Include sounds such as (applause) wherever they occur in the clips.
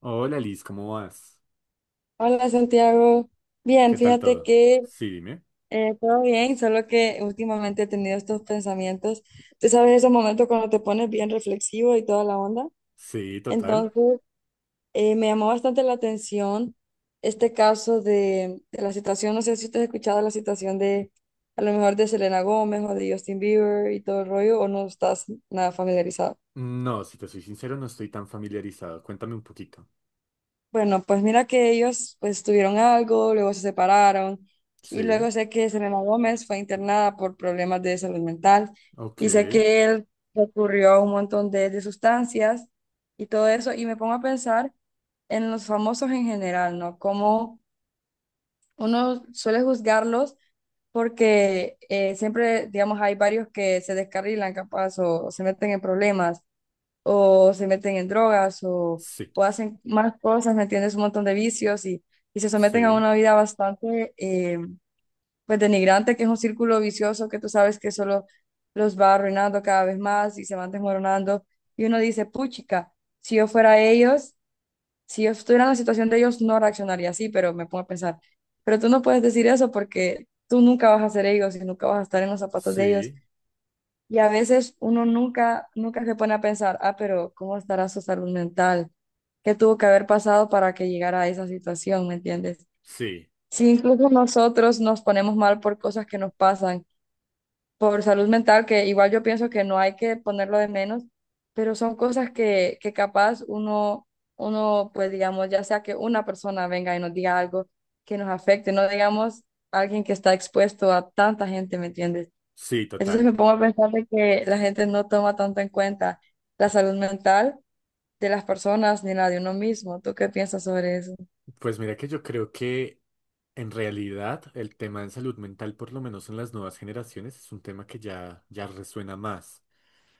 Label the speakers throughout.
Speaker 1: Hola Liz, ¿cómo vas?
Speaker 2: Hola Santiago, bien,
Speaker 1: ¿Qué tal
Speaker 2: fíjate
Speaker 1: todo?
Speaker 2: que
Speaker 1: Sí, dime.
Speaker 2: todo bien, solo que últimamente he tenido estos pensamientos, tú sabes esos momentos cuando te pones bien reflexivo y toda la onda,
Speaker 1: Sí, total.
Speaker 2: entonces me llamó bastante la atención este caso de la situación, no sé si te has escuchado la situación de a lo mejor de Selena Gómez o de Justin Bieber y todo el rollo, o no estás nada familiarizado.
Speaker 1: No, si te soy sincero, no estoy tan familiarizado. Cuéntame un poquito.
Speaker 2: Bueno, pues mira que ellos pues tuvieron algo, luego se separaron y
Speaker 1: Sí,
Speaker 2: luego sé que Selena Gómez fue internada por problemas de salud mental
Speaker 1: ok.
Speaker 2: y sé que él recurrió a un montón de sustancias y todo eso y me pongo a pensar en los famosos en general, ¿no? Como uno suele juzgarlos porque siempre, digamos, hay varios que se descarrilan capaz o se meten en problemas o se meten en drogas
Speaker 1: Sí,
Speaker 2: o hacen más cosas, ¿me entiendes? Un montón de vicios y se someten a
Speaker 1: sí,
Speaker 2: una vida bastante pues denigrante, que es un círculo vicioso que tú sabes que solo los va arruinando cada vez más y se van desmoronando. Y uno dice, puchica, si yo fuera ellos, si yo estuviera en la situación de ellos, no reaccionaría así, pero me pongo a pensar, pero tú no puedes decir eso porque tú nunca vas a ser ellos y nunca vas a estar en los zapatos de ellos.
Speaker 1: sí,
Speaker 2: Y a veces uno nunca, nunca se pone a pensar, ah, pero ¿cómo estará su salud mental? ¿Qué tuvo que haber pasado para que llegara a esa situación? ¿Me entiendes?
Speaker 1: sí,
Speaker 2: Si incluso nosotros nos ponemos mal por cosas que nos pasan, por salud mental, que igual yo pienso que no hay que ponerlo de menos, pero son cosas que capaz uno, pues digamos, ya sea que una persona venga y nos diga algo que nos afecte, no digamos alguien que está expuesto a tanta gente, ¿me entiendes?
Speaker 1: sí,
Speaker 2: Entonces
Speaker 1: total.
Speaker 2: me pongo a pensar de que la gente no toma tanto en cuenta la salud mental de las personas ni la de uno mismo. ¿Tú qué piensas sobre eso?
Speaker 1: Pues mira que yo creo que en realidad el tema de salud mental, por lo menos en las nuevas generaciones, es un tema que ya resuena más.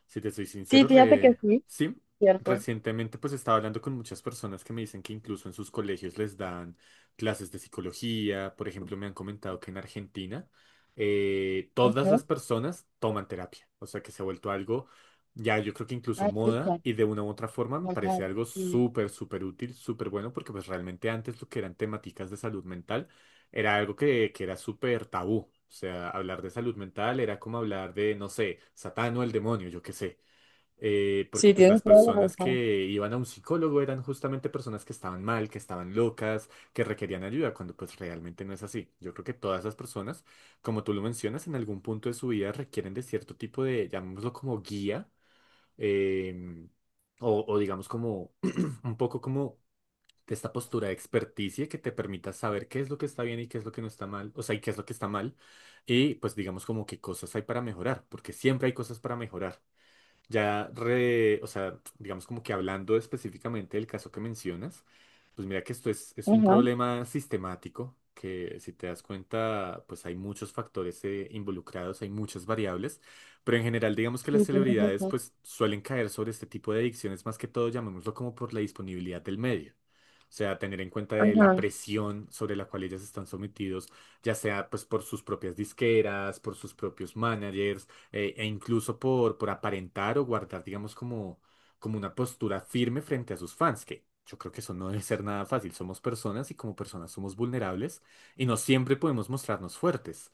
Speaker 1: Si te soy
Speaker 2: Sí,
Speaker 1: sincero,
Speaker 2: fíjate que sí,
Speaker 1: sí,
Speaker 2: cierto.
Speaker 1: recientemente pues estaba hablando con muchas personas que me dicen que incluso en sus colegios les dan clases de psicología. Por ejemplo, me han comentado que en Argentina todas
Speaker 2: Ajá.
Speaker 1: las personas toman terapia. O sea, que se ha vuelto algo ya, yo creo que incluso
Speaker 2: Ah,
Speaker 1: moda
Speaker 2: escucha.
Speaker 1: y de una u otra forma me
Speaker 2: Ajá.
Speaker 1: parece algo
Speaker 2: Sí.
Speaker 1: súper, súper útil, súper bueno, porque pues realmente antes lo que eran temáticas de salud mental era algo que era súper tabú. O sea, hablar de salud mental era como hablar de, no sé, Satán o el demonio, yo qué sé. Porque
Speaker 2: Sí,
Speaker 1: pues las
Speaker 2: tienes toda la
Speaker 1: personas
Speaker 2: razón.
Speaker 1: que iban a un psicólogo eran justamente personas que estaban mal, que estaban locas, que requerían ayuda, cuando pues realmente no es así. Yo creo que todas esas personas, como tú lo mencionas, en algún punto de su vida requieren de cierto tipo de, llamémoslo como guía, eh, o digamos como (clears throat) un poco como de esta postura de experticia que te permita saber qué es lo que está bien y qué es lo que no está mal, o sea, y qué es lo que está mal, y pues digamos como qué cosas hay para mejorar, porque siempre hay cosas para mejorar. Ya, o sea, digamos como que hablando específicamente del caso que mencionas, pues mira que esto es un
Speaker 2: Ajá.
Speaker 1: problema sistemático, que si te das cuenta, pues hay muchos factores involucrados, hay muchas variables, pero en general digamos que las
Speaker 2: Sí, tienes
Speaker 1: celebridades
Speaker 2: razón.
Speaker 1: pues suelen caer sobre este tipo de adicciones, más que todo llamémoslo como por la disponibilidad del medio. O sea, tener en cuenta de la
Speaker 2: Ajá.
Speaker 1: presión sobre la cual ellas están sometidos, ya sea pues por sus propias disqueras, por sus propios managers, e incluso por aparentar o guardar, digamos, como, como una postura firme frente a sus fans, que yo creo que eso no debe ser nada fácil. Somos personas y como personas somos vulnerables y no siempre podemos mostrarnos fuertes.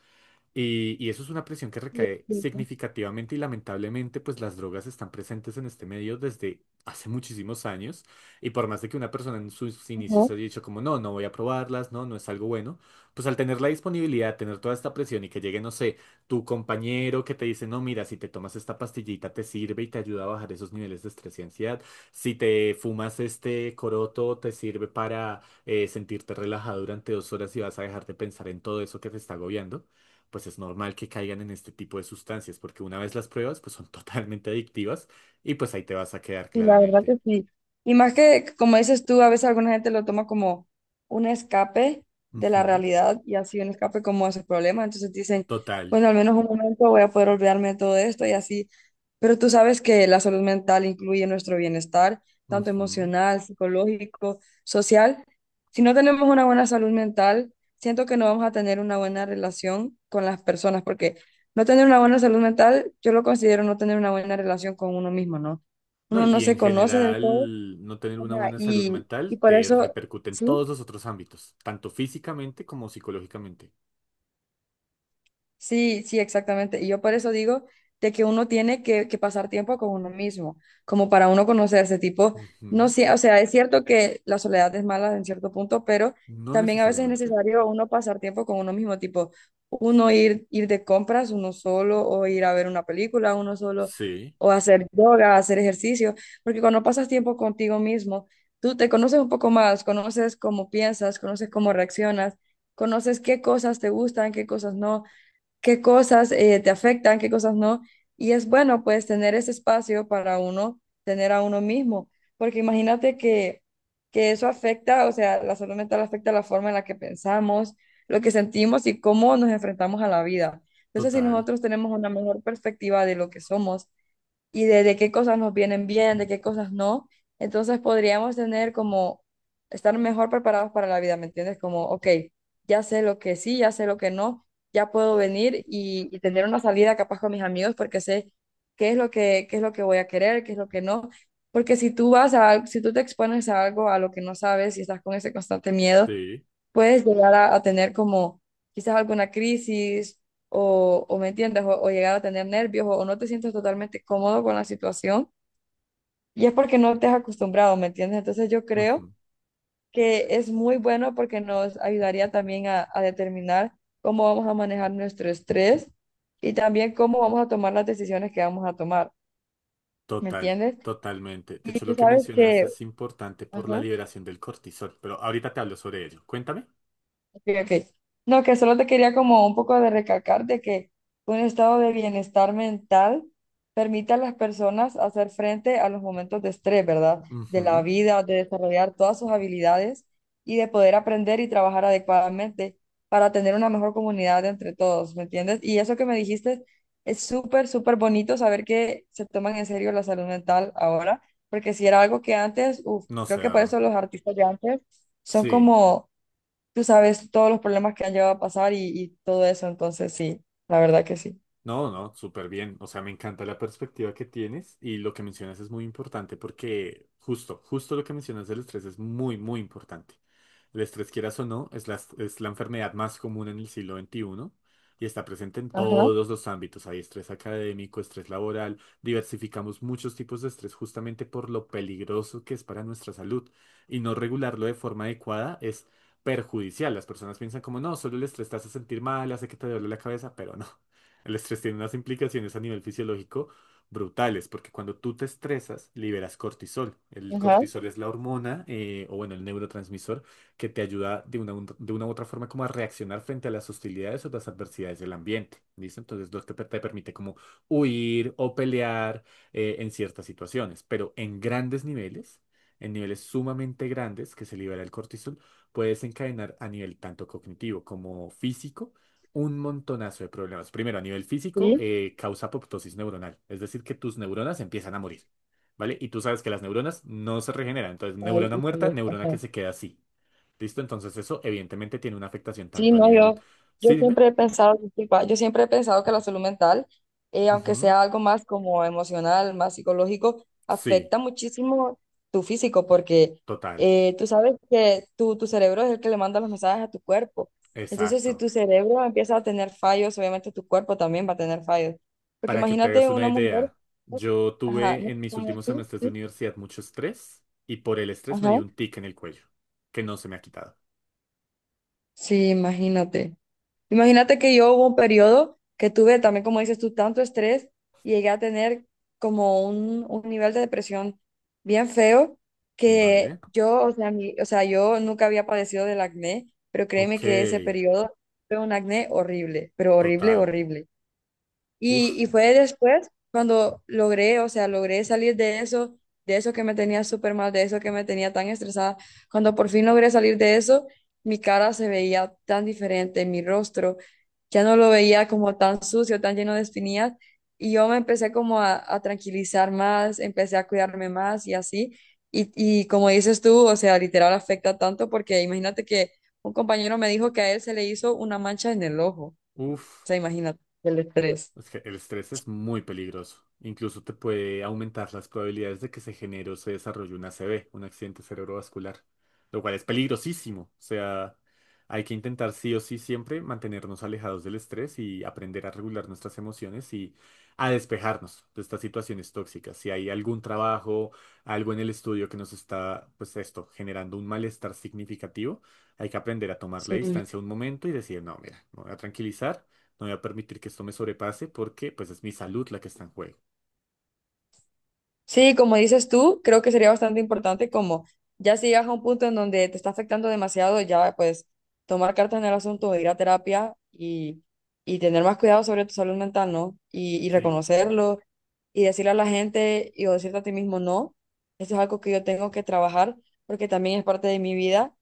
Speaker 1: Y eso es una presión que
Speaker 2: Sí,
Speaker 1: recae
Speaker 2: sí, sí.
Speaker 1: significativamente y lamentablemente, pues las drogas están presentes en este medio desde hace muchísimos años. Y por más de que una persona en sus
Speaker 2: Ajá.
Speaker 1: inicios haya dicho como, no, no voy a probarlas, no, no es algo bueno, pues al tener la disponibilidad, tener toda esta presión y que llegue, no sé, tu compañero que te dice, no, mira, si te tomas esta pastillita te sirve y te ayuda a bajar esos niveles de estrés y ansiedad. Si te fumas este coroto te sirve para sentirte relajado durante 2 horas y vas a dejar de pensar en todo eso que te está agobiando, pues es normal que caigan en este tipo de sustancias, porque una vez las pruebas, pues son (laughs) totalmente adictivas y pues ahí te vas a quedar
Speaker 2: Sí, la verdad
Speaker 1: claramente.
Speaker 2: que sí. Y más que, como dices tú, a veces alguna gente lo toma como un escape de la
Speaker 1: Ujú.
Speaker 2: realidad y así un escape como a sus problemas. Entonces dicen,
Speaker 1: Total.
Speaker 2: bueno, al menos un momento voy a poder olvidarme de todo esto y así. Pero tú sabes que la salud mental incluye nuestro bienestar, tanto
Speaker 1: Ujú.
Speaker 2: emocional, psicológico, social. Si no tenemos una buena salud mental, siento que no vamos a tener una buena relación con las personas, porque no tener una buena salud mental, yo lo considero no tener una buena relación con uno mismo, ¿no?
Speaker 1: No,
Speaker 2: Uno no
Speaker 1: y
Speaker 2: se
Speaker 1: en
Speaker 2: conoce del todo,
Speaker 1: general, no tener una
Speaker 2: ajá,
Speaker 1: buena salud
Speaker 2: y
Speaker 1: mental
Speaker 2: por
Speaker 1: te
Speaker 2: eso,
Speaker 1: repercute en
Speaker 2: sí.
Speaker 1: todos los otros ámbitos, tanto físicamente como psicológicamente.
Speaker 2: Sí, sí, exactamente. Y yo por eso digo de que uno tiene que pasar tiempo con uno mismo, como para uno conocerse, tipo, no
Speaker 1: Ujú.
Speaker 2: sé, o sea, es cierto que la soledad es mala en cierto punto, pero
Speaker 1: No
Speaker 2: también a veces es
Speaker 1: necesariamente.
Speaker 2: necesario uno pasar tiempo con uno mismo, tipo, uno ir de compras uno solo, o ir a ver una película uno solo,
Speaker 1: Sí,
Speaker 2: o hacer yoga, hacer ejercicio, porque cuando pasas tiempo contigo mismo, tú te conoces un poco más, conoces cómo piensas, conoces cómo reaccionas, conoces qué cosas te gustan, qué cosas no, qué cosas te afectan, qué cosas no. Y es bueno, pues, tener ese espacio para uno, tener a uno mismo, porque imagínate que eso afecta, o sea, la salud mental afecta la forma en la que pensamos, lo que sentimos y cómo nos enfrentamos a la vida. Entonces, si
Speaker 1: total,
Speaker 2: nosotros tenemos una mejor perspectiva de lo que somos, y de qué cosas nos vienen bien, de qué cosas no. Entonces podríamos tener como estar mejor preparados para la vida, ¿me entiendes? Como, ok, ya sé lo que sí, ya sé lo que no, ya puedo venir y tener una salida capaz con mis amigos porque sé qué es lo que, qué es lo que voy a querer, qué es lo que no. Porque si tú vas a, al- si tú te expones a algo a lo que no sabes y estás con ese constante miedo,
Speaker 1: sí,
Speaker 2: puedes llegar a tener como quizás alguna crisis o me entiendes, o llegar a tener nervios o no te sientes totalmente cómodo con la situación y es porque no te has acostumbrado, ¿me entiendes? Entonces yo creo
Speaker 1: ujú,
Speaker 2: que es muy bueno porque nos ayudaría también a determinar cómo vamos a manejar nuestro estrés y también cómo vamos a tomar las decisiones que vamos a tomar, ¿me
Speaker 1: total,
Speaker 2: entiendes?
Speaker 1: totalmente. De
Speaker 2: Y
Speaker 1: hecho,
Speaker 2: tú
Speaker 1: lo que
Speaker 2: sabes
Speaker 1: mencionas
Speaker 2: que...
Speaker 1: es importante por la
Speaker 2: Ajá.
Speaker 1: liberación del cortisol, pero ahorita te hablo sobre ello. Cuéntame.
Speaker 2: Ok, ok. No, que solo te quería como un poco de recalcar de que un estado de bienestar mental permite a las personas hacer frente a los momentos de estrés, ¿verdad? De la
Speaker 1: Ujú.
Speaker 2: vida, de desarrollar todas sus habilidades y de poder aprender y trabajar adecuadamente para tener una mejor comunidad entre todos, ¿me entiendes? Y eso que me dijiste es súper, súper bonito saber que se toman en serio la salud mental ahora, porque si era algo que antes, uf,
Speaker 1: No
Speaker 2: creo
Speaker 1: sé,
Speaker 2: que por
Speaker 1: Ava.
Speaker 2: eso los artistas de antes son
Speaker 1: Sí,
Speaker 2: como tú sabes todos los problemas que han llegado a pasar y todo eso, entonces sí, la verdad que sí.
Speaker 1: no, no, súper bien. O sea, me encanta la perspectiva que tienes y lo que mencionas es muy importante porque justo, justo lo que mencionas del estrés es muy, muy importante. El estrés, quieras o no, es la enfermedad más común en el siglo XXI y está presente en
Speaker 2: Ajá,
Speaker 1: todos los ámbitos. Hay estrés académico, estrés laboral, diversificamos muchos tipos de estrés justamente por lo peligroso que es para nuestra salud, y no regularlo de forma adecuada es perjudicial. Las personas piensan como, no, solo el estrés te hace sentir mal, hace que te duele la cabeza, pero no. El estrés tiene unas implicaciones a nivel fisiológico brutales, porque cuando tú te estresas, liberas cortisol. El
Speaker 2: ajá,
Speaker 1: cortisol es la hormona, o bueno, el neurotransmisor, que te ayuda de una u otra forma como a reaccionar frente a las hostilidades o las adversidades del ambiente. ¿Listo? Entonces, lo que te permite como huir o pelear en ciertas situaciones, pero en grandes niveles, en niveles sumamente grandes que se libera el cortisol, puede desencadenar a nivel tanto cognitivo como físico un montonazo de problemas. Primero, a nivel físico,
Speaker 2: sí.
Speaker 1: causa apoptosis neuronal, es decir, que tus neuronas empiezan a morir, ¿vale? Y tú sabes que las neuronas no se regeneran, entonces
Speaker 2: Ay,
Speaker 1: neurona muerta,
Speaker 2: híjole,
Speaker 1: neurona que
Speaker 2: ajá.
Speaker 1: se queda así, ¿listo? Entonces eso evidentemente tiene una afectación
Speaker 2: Sí,
Speaker 1: tanto a
Speaker 2: no,
Speaker 1: nivel...
Speaker 2: yo,
Speaker 1: Sí,
Speaker 2: yo
Speaker 1: dime.
Speaker 2: siempre he pensado, disculpa, yo siempre he pensado que la salud mental, aunque
Speaker 1: Ujú.
Speaker 2: sea algo más como emocional, más psicológico,
Speaker 1: Sí,
Speaker 2: afecta muchísimo tu físico, porque
Speaker 1: total,
Speaker 2: tú sabes que tu cerebro es el que le manda los mensajes a tu cuerpo. Entonces, si
Speaker 1: exacto.
Speaker 2: tu cerebro empieza a tener fallos, obviamente tu cuerpo también va a tener fallos. Porque
Speaker 1: Para que te hagas
Speaker 2: imagínate
Speaker 1: una
Speaker 2: una mujer,
Speaker 1: idea, yo
Speaker 2: ajá,
Speaker 1: tuve
Speaker 2: no,
Speaker 1: en mis
Speaker 2: como
Speaker 1: últimos
Speaker 2: tú,
Speaker 1: semestres de
Speaker 2: tú,
Speaker 1: universidad mucho estrés y por el estrés me
Speaker 2: ajá,
Speaker 1: dio un tic en el cuello, que no se me ha quitado,
Speaker 2: sí, imagínate. Imagínate que yo hubo un periodo que tuve también, como dices tú, tanto estrés y llegué a tener como un nivel de depresión bien feo que
Speaker 1: ¿vale?
Speaker 2: yo, o sea, mi- o sea, yo nunca había padecido del acné, pero créeme
Speaker 1: Ok,
Speaker 2: que ese periodo fue un acné horrible, pero horrible,
Speaker 1: total.
Speaker 2: horrible.
Speaker 1: Uf.
Speaker 2: Y fue después cuando logré, o sea, logré salir de eso que me tenía súper mal, de eso que me tenía tan estresada. Cuando por fin logré salir de eso, mi cara se veía tan diferente, mi rostro ya no lo veía como tan sucio, tan lleno de espinillas. Y yo me empecé como a tranquilizar más, empecé a cuidarme más y así. Y como dices tú, o sea, literal afecta tanto porque imagínate que un compañero me dijo que a él se le hizo una mancha en el ojo. O
Speaker 1: Uf,
Speaker 2: sea, imagínate el estrés.
Speaker 1: es que el estrés es muy peligroso. Incluso te puede aumentar las probabilidades de que se genere o se desarrolle un ACV, un accidente cerebrovascular, lo cual es peligrosísimo. O sea, hay que intentar sí o sí siempre mantenernos alejados del estrés y aprender a regular nuestras emociones y a despejarnos de estas situaciones tóxicas. Si hay algún trabajo, algo en el estudio que nos está, pues esto, generando un malestar significativo, hay que aprender a tomar la
Speaker 2: Sí.
Speaker 1: distancia un momento y decir, no, mira, me voy a tranquilizar. No voy a permitir que esto me sobrepase porque pues es mi salud la que está en juego.
Speaker 2: Sí, como dices tú, creo que sería bastante importante como ya si llegas a un punto en donde te está afectando demasiado, ya pues tomar cartas en el asunto, ir a terapia y tener más cuidado sobre tu salud mental, ¿no? Y
Speaker 1: Sí.
Speaker 2: reconocerlo y decirle a la gente y o decirte a ti mismo, no, esto es algo que yo tengo que trabajar porque también es parte de mi vida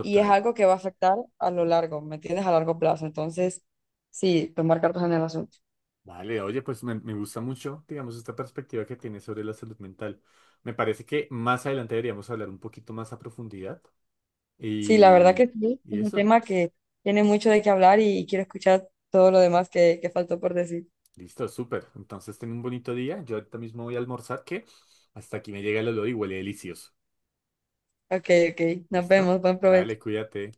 Speaker 2: y es algo que va a afectar a lo largo, ¿me entiendes? A largo plazo. Entonces, sí, tomar cartas en el asunto.
Speaker 1: Vale, oye, pues me gusta mucho, digamos, esta perspectiva que tienes sobre la salud mental. Me parece que más adelante deberíamos hablar un poquito más a profundidad.
Speaker 2: Sí, la verdad
Speaker 1: Y,
Speaker 2: que sí,
Speaker 1: y
Speaker 2: es un
Speaker 1: eso,
Speaker 2: tema que tiene mucho de qué hablar y quiero escuchar todo lo demás que faltó por decir.
Speaker 1: listo, súper. Entonces, ten un bonito día. Yo ahorita mismo voy a almorzar, que hasta aquí me llega el olor y huele delicioso.
Speaker 2: Ok, ok, nos
Speaker 1: ¿Listo?
Speaker 2: vemos, buen provecho.
Speaker 1: Dale, cuídate.